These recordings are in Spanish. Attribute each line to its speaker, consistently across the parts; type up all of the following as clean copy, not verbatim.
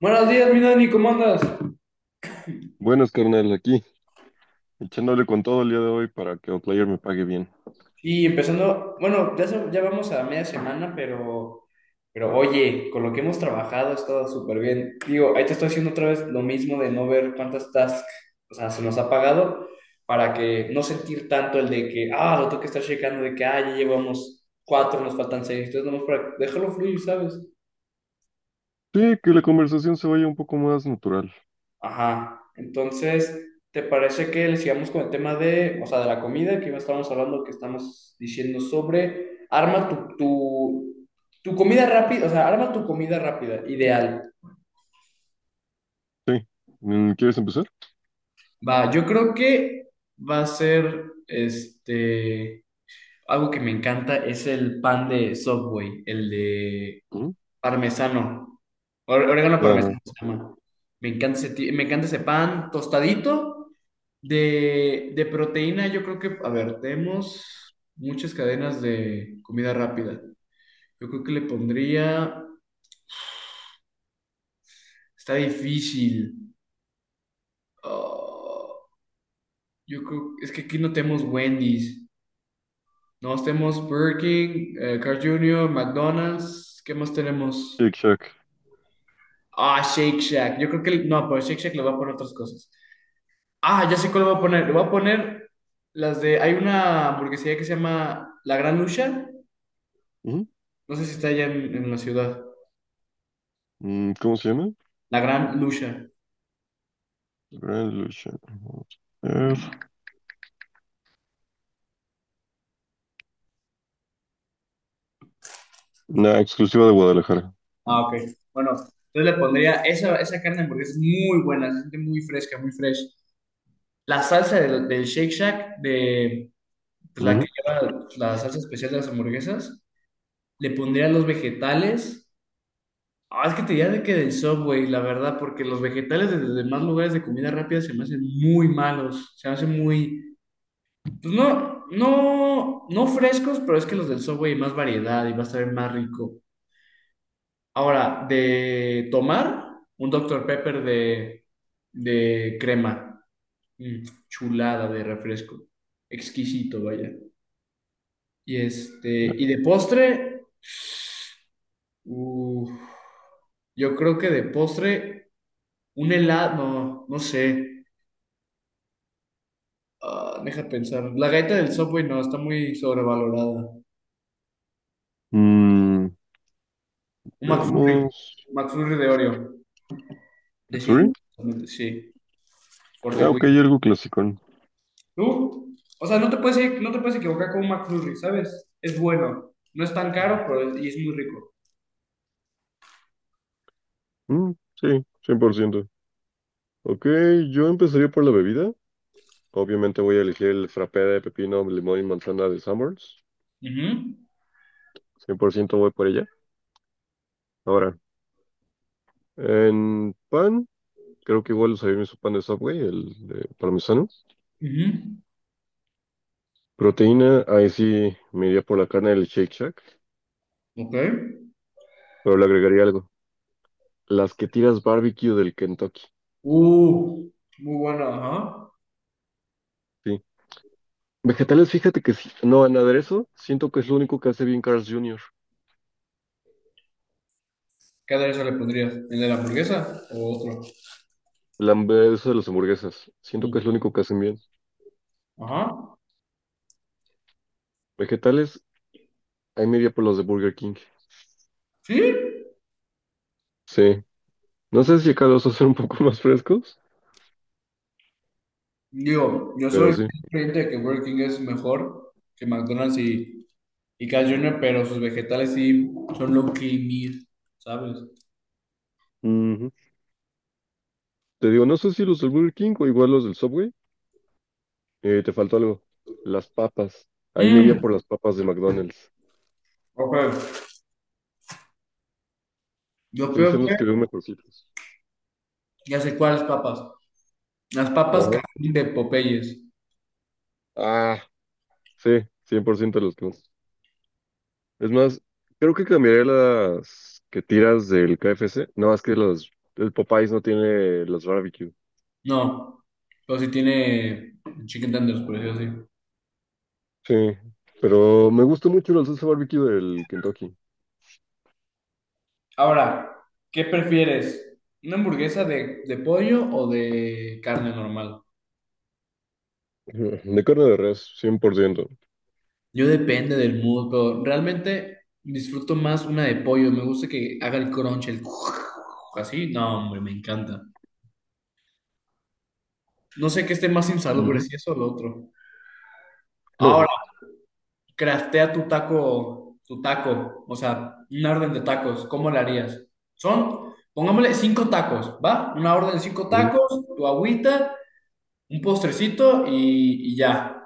Speaker 1: Buenos días, mi Dani, ¿cómo andas?
Speaker 2: Buenas, carnal, aquí, echándole con todo el día de hoy para que Outlier me pague bien.
Speaker 1: Y empezando, bueno, ya, ya vamos a media semana, pero, oye, con lo que hemos trabajado ha estado súper bien. Digo, ahí te estoy haciendo otra vez lo mismo de no ver cuántas tasks, o sea, se nos ha pagado para que no sentir tanto el de que, lo tengo que estar checando, de que, ya llevamos cuatro, nos faltan seis, entonces nomás para dejarlo fluir, ¿sabes?
Speaker 2: Sí, que la conversación se vaya un poco más natural.
Speaker 1: Ajá. Entonces, ¿te parece que le sigamos con el tema de, o sea, de la comida que estábamos hablando, que estamos diciendo sobre arma tu comida rápida, o sea, arma tu comida rápida, ideal.
Speaker 2: Sí. Mm, ¿quieres empezar?
Speaker 1: Va, yo creo que va a ser algo que me encanta es el pan de Subway, el de
Speaker 2: Ujú.
Speaker 1: parmesano, orégano
Speaker 2: Ajá.
Speaker 1: parmesano se llama. Me encanta ese, me encanta ese pan tostadito. De proteína, yo creo que, a ver, tenemos muchas cadenas de comida rápida. Yo creo que le pondría, está difícil. Ah, yo creo, es que aquí no tenemos Wendy's, no tenemos Burger King, Carl Jr., McDonald's, ¿qué más tenemos?
Speaker 2: Shake Shack.
Speaker 1: Ah, Shake Shack. Yo creo que, no, pero Shake Shack le va a poner otras cosas. Ah, ya sé cuál le voy a poner. Le voy a poner las de, hay una hamburguesería que se llama La Gran Lucha.
Speaker 2: Ujú.
Speaker 1: No sé si está allá en la ciudad.
Speaker 2: Mm, ¿cómo se llama?
Speaker 1: La Gran Lucha.
Speaker 2: Grand Lucha. Una exclusiva de Guadalajara.
Speaker 1: Ah, ok. Bueno, entonces le pondría esa, esa carne de hamburguesa es muy buena, se siente muy fresca, muy fresh. La salsa del, del Shake Shack, de pues, la que
Speaker 2: Ujú.
Speaker 1: lleva la salsa especial de las hamburguesas, le pondría los vegetales. Ah, es que te diría de que del Subway, la verdad, porque los vegetales de los demás lugares de comida rápida se me hacen muy malos, se me hacen muy, pues no, no, no frescos, pero es que los del Subway hay más variedad y va a estar más rico. Ahora, de tomar un Doctor Pepper de crema. Mm, chulada de refresco. Exquisito, vaya. Y este, y de postre, uf, yo creo que de postre, un helado, no, no sé. Ah, deja pensar. La galleta del Subway no, está muy sobrevalorada.
Speaker 2: Mm,
Speaker 1: Un McFlurry,
Speaker 2: veamos.
Speaker 1: un McFlurry de Oreo.
Speaker 2: McFlurry.
Speaker 1: Decididamente, sí, por The
Speaker 2: Ah, ok,
Speaker 1: Win.
Speaker 2: algo clásico.
Speaker 1: Tú, o sea, no te puedes equivocar con un McFlurry, ¿sabes? Es bueno, no es tan caro, pero es, y es muy rico.
Speaker 2: Mm, sí, cien por ciento. Ok, yo empezaría por la bebida. Obviamente voy a elegir el frappé de pepino, limón y manzana de Sanborns.
Speaker 1: Ujú.
Speaker 2: Cien por ciento voy por ella. Ahora, en pan, creo que igual usaría su pan de Subway, el de parmesano.
Speaker 1: Ujú.
Speaker 2: Proteína, ahí sí me iría por la carne del Shake Shack,
Speaker 1: Ok.
Speaker 2: pero le agregaría algo. Las que tiras barbecue del Kentucky.
Speaker 1: Uh, muy bueno, ajá.
Speaker 2: Sí. Vegetales, fíjate que sí. No, en aderezo, siento que es lo único que hace bien Carl's Jr.
Speaker 1: ¿Qué aderezo le pondrías? ¿El de la hamburguesa o otro?
Speaker 2: El aderezo de las hamburguesas. Siento
Speaker 1: Mm.
Speaker 2: que es lo único que hacen bien.
Speaker 1: Ajá.
Speaker 2: Vegetales, hay media por los de Burger King.
Speaker 1: ¿Sí?
Speaker 2: Sí. No sé si acá los hacen un poco más frescos,
Speaker 1: Digo, yo
Speaker 2: pero
Speaker 1: soy
Speaker 2: sí.
Speaker 1: creyente de que Burger King es mejor que McDonald's y Carl Jr., pero sus vegetales sí son lo que mir, ¿sabes?
Speaker 2: Ujú. Te digo, no sé si los del Burger King o igual los del Subway. Te faltó algo. Las papas. Ahí me iría
Speaker 1: Mm,
Speaker 2: por las papas de McDonald's.
Speaker 1: ok. Yo
Speaker 2: Sí,
Speaker 1: creo
Speaker 2: son
Speaker 1: que
Speaker 2: los que veo mejorcitos.
Speaker 1: ya sé cuáles papas. Las papas
Speaker 2: Ajá.
Speaker 1: cajil de Popeyes.
Speaker 2: Ah, sí, 100% los que más. Es más, creo que cambiaré las que tiras del KFC. No, es que el Popeyes no tiene los barbecue.
Speaker 1: No, pero sí tiene chicken tenders, por decirlo así.
Speaker 2: Sí, pero me gusta mucho la salsa barbecue del Kentucky.
Speaker 1: Ahora, ¿qué prefieres? ¿Una hamburguesa de pollo o de carne normal?
Speaker 2: De carne de res, 100%.
Speaker 1: Yo depende del mood, pero realmente disfruto más una de pollo. Me gusta que haga el crunch, el así. No, hombre, me encanta. No sé qué esté más insalubre,
Speaker 2: Ujú.
Speaker 1: si eso o lo otro. Ahora, craftea tu taco, o sea, una orden de tacos, ¿cómo la harías? Son, pongámosle cinco tacos, ¿va? Una orden de cinco
Speaker 2: Ujú.
Speaker 1: tacos, tu agüita, un postrecito y ya.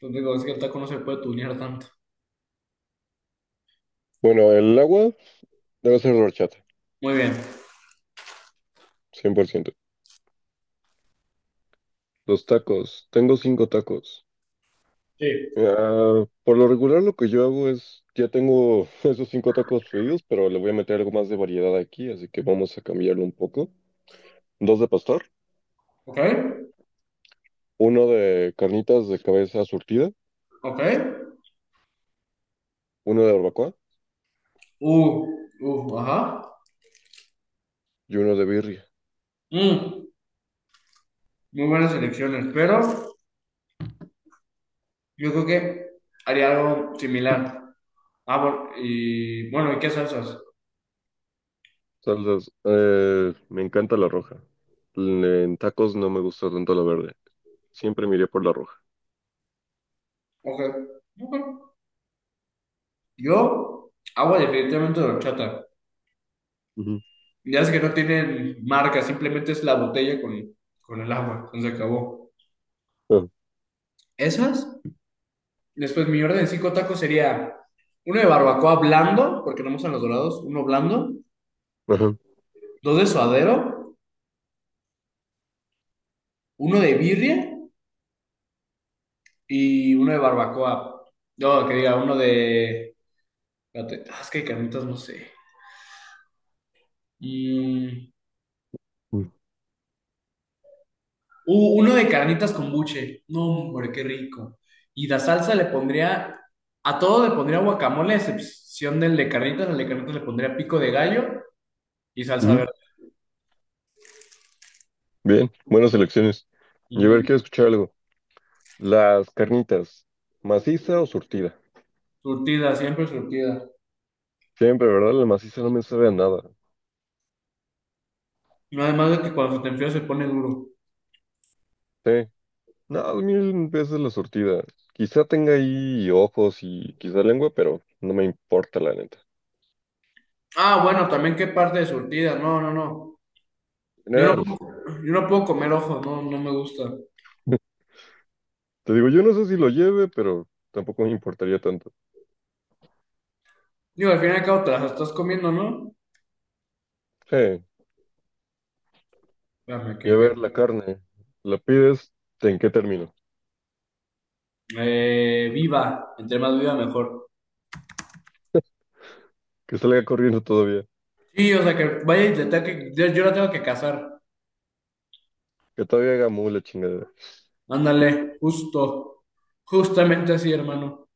Speaker 1: Pues digo, es que el taco no se puede tunear tanto.
Speaker 2: Bueno, el agua debe ser de horchata,
Speaker 1: Muy bien.
Speaker 2: cien por ciento. Los tacos, tengo cinco tacos.
Speaker 1: Sí.
Speaker 2: Ah, por lo regular lo que yo hago es, ya tengo esos cinco tacos pedidos, pero le voy a meter algo más de variedad aquí, así que vamos a cambiarlo un poco. Dos de pastor,
Speaker 1: Ok,
Speaker 2: uno de carnitas de cabeza surtida,
Speaker 1: ok.
Speaker 2: uno de barbacoa
Speaker 1: Uh, ajá.
Speaker 2: y uno de birria.
Speaker 1: Mm, muy buenas elecciones, pero yo creo que haría algo similar. Ah, bueno, y bueno, ¿y qué salsas?
Speaker 2: Salsas, me encanta la roja. En tacos no me gusta tanto la verde. Siempre miré por la roja.
Speaker 1: Ok, ok. Yo, agua definitivamente de horchata.
Speaker 2: Ujú.
Speaker 1: Ya es que no tienen marca, simplemente es la botella con el agua. Entonces se acabó.
Speaker 2: Ah,
Speaker 1: Esas. Después mi orden de cinco tacos sería uno de barbacoa blando, porque no me gustan los dorados, uno blando,
Speaker 2: ajá.
Speaker 1: dos de suadero, uno de birria y uno de barbacoa. No, que diga, uno de... espérate, ah, es que hay carnitas, no sé. Mm,
Speaker 2: Ujú.
Speaker 1: uh, uno de carnitas con buche. No, hombre, qué rico. Y la salsa le pondría, a todo le pondría guacamole, a excepción del de carnitas. Al de carnitas le pondría pico de gallo y salsa
Speaker 2: Ujú.
Speaker 1: verde.
Speaker 2: Bien, buenas elecciones. Y a ver,
Speaker 1: Mm,
Speaker 2: quiero escuchar algo. Las carnitas, ¿maciza o surtida?
Speaker 1: surtida, siempre surtida.
Speaker 2: Siempre, ¿verdad? La maciza no me sabe a nada.
Speaker 1: No, además de que cuando se te enfría se pone duro.
Speaker 2: Sí. No, mil veces la surtida. Quizá tenga ahí ojos y quizá lengua, pero no me importa la neta.
Speaker 1: Ah, bueno, también qué parte de surtida. No, no, no.
Speaker 2: En
Speaker 1: Yo no
Speaker 2: general.
Speaker 1: puedo, yo no puedo comer ojos, no, no me gusta.
Speaker 2: Te digo, yo no sé si lo lleve, pero tampoco me importaría tanto.
Speaker 1: Digo, al fin y al cabo te las estás comiendo, ¿no?
Speaker 2: Sí.
Speaker 1: Espérame,
Speaker 2: Y a ver
Speaker 1: que-
Speaker 2: la carne. La pides, ¿en qué término?
Speaker 1: Viva, entre más viva mejor.
Speaker 2: Que salga corriendo todavía.
Speaker 1: Sí, o sea, que vaya y le tenga que, yo la tengo que casar.
Speaker 2: Que todavía haga mu la chingada.
Speaker 1: Ándale, justo. Justamente así, hermano.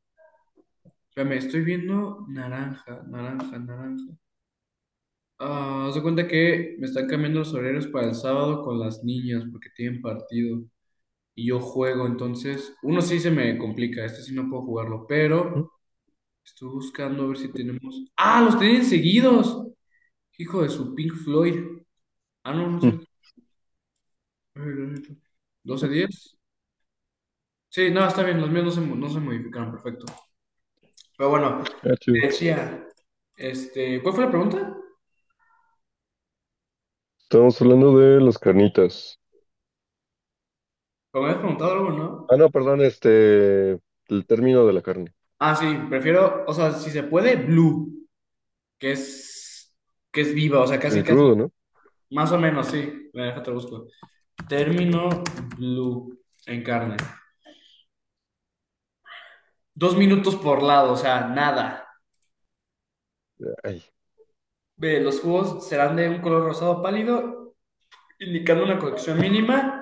Speaker 1: Espérame, estoy viendo naranja. Ah, haz de cuenta que me están cambiando los horarios para el sábado con las niñas porque tienen partido y yo juego, entonces uno sí se me complica, este sí no puedo jugarlo,
Speaker 2: Mm,
Speaker 1: pero estoy buscando a ver si tenemos... ¡Ah, los tienen seguidos! Hijo de su Pink Floyd. Ah, no, no es
Speaker 2: mm,
Speaker 1: cierto. Doce 10. Sí, no, está bien, los míos no se, no se modificaron, perfecto. Pero bueno,
Speaker 2: ah, chido.
Speaker 1: te decía, este, ¿cuál fue la pregunta?
Speaker 2: Estamos hablando de las carnitas.
Speaker 1: ¿O me habías preguntado algo, no?
Speaker 2: Ah, no, perdón, este, el término de la carne.
Speaker 1: Ah, sí, prefiero, o sea, si se puede, blue, que es, que es viva, o sea, casi,
Speaker 2: Semi
Speaker 1: casi,
Speaker 2: crudo, ¿no?
Speaker 1: más o menos, sí. Me deja, te busco. Término blue en carne. Dos minutos por lado, o sea, nada.
Speaker 2: Ay,
Speaker 1: Ve, los jugos serán de un color rosado pálido, indicando una cocción mínima.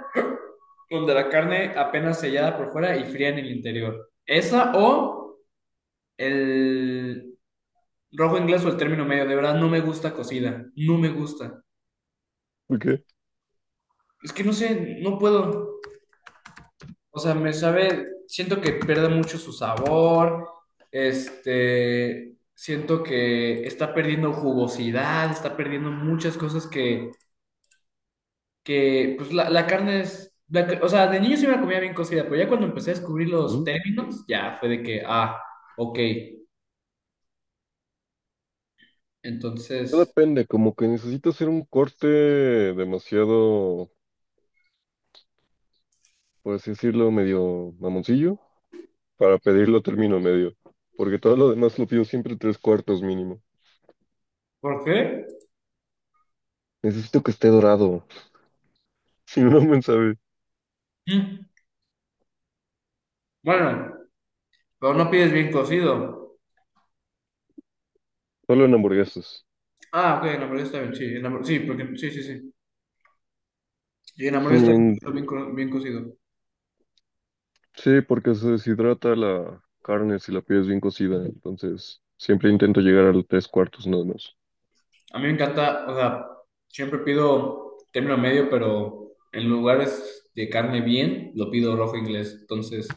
Speaker 1: Donde la carne apenas sellada por fuera y fría en el interior. Esa o el rojo inglés o el término medio. De verdad, no me gusta cocida. No me gusta.
Speaker 2: ¿por qué?
Speaker 1: Es que no sé, no puedo. O sea, me sabe, siento que pierde mucho su sabor. Este, siento que está perdiendo jugosidad, está perdiendo muchas cosas que pues la carne es, o sea, de niño sí me la comía bien cocida, pero ya cuando empecé a descubrir los
Speaker 2: Mm.
Speaker 1: términos, ya fue de que, ah, ok.
Speaker 2: Todo
Speaker 1: Entonces,
Speaker 2: depende, como que necesito hacer un corte demasiado, por así decirlo, medio mamoncillo, para pedirlo término medio, porque todo lo demás lo pido siempre tres cuartos mínimo.
Speaker 1: ¿por qué?
Speaker 2: Necesito que esté dorado, si no, no me sabe.
Speaker 1: Mm, bueno, pero no pides bien cocido.
Speaker 2: Solo en hamburguesas.
Speaker 1: Ah, ok, en la hamburguesa está bien, sí, sí, porque, sí, sí, sí. Y en la
Speaker 2: Sí,
Speaker 1: hamburguesa está bien, bien cocido.
Speaker 2: sí, porque se deshidrata la carne si la pides bien cocida, entonces siempre intento llegar a los tres cuartos nada más.
Speaker 1: A mí me encanta, o sea, siempre pido término medio, pero en lugares de carne bien, lo pido rojo inglés. Entonces,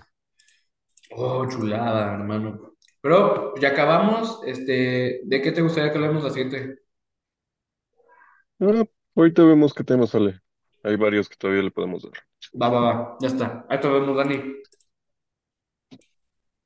Speaker 1: oh, chulada, hermano. Pero ya acabamos, este, ¿de qué te gustaría que hablemos la siguiente?
Speaker 2: Ah, ahorita vemos qué tema sale. Hay varios que todavía le podemos dar.
Speaker 1: Va, va, va, ya está. Ahí te vemos, Dani.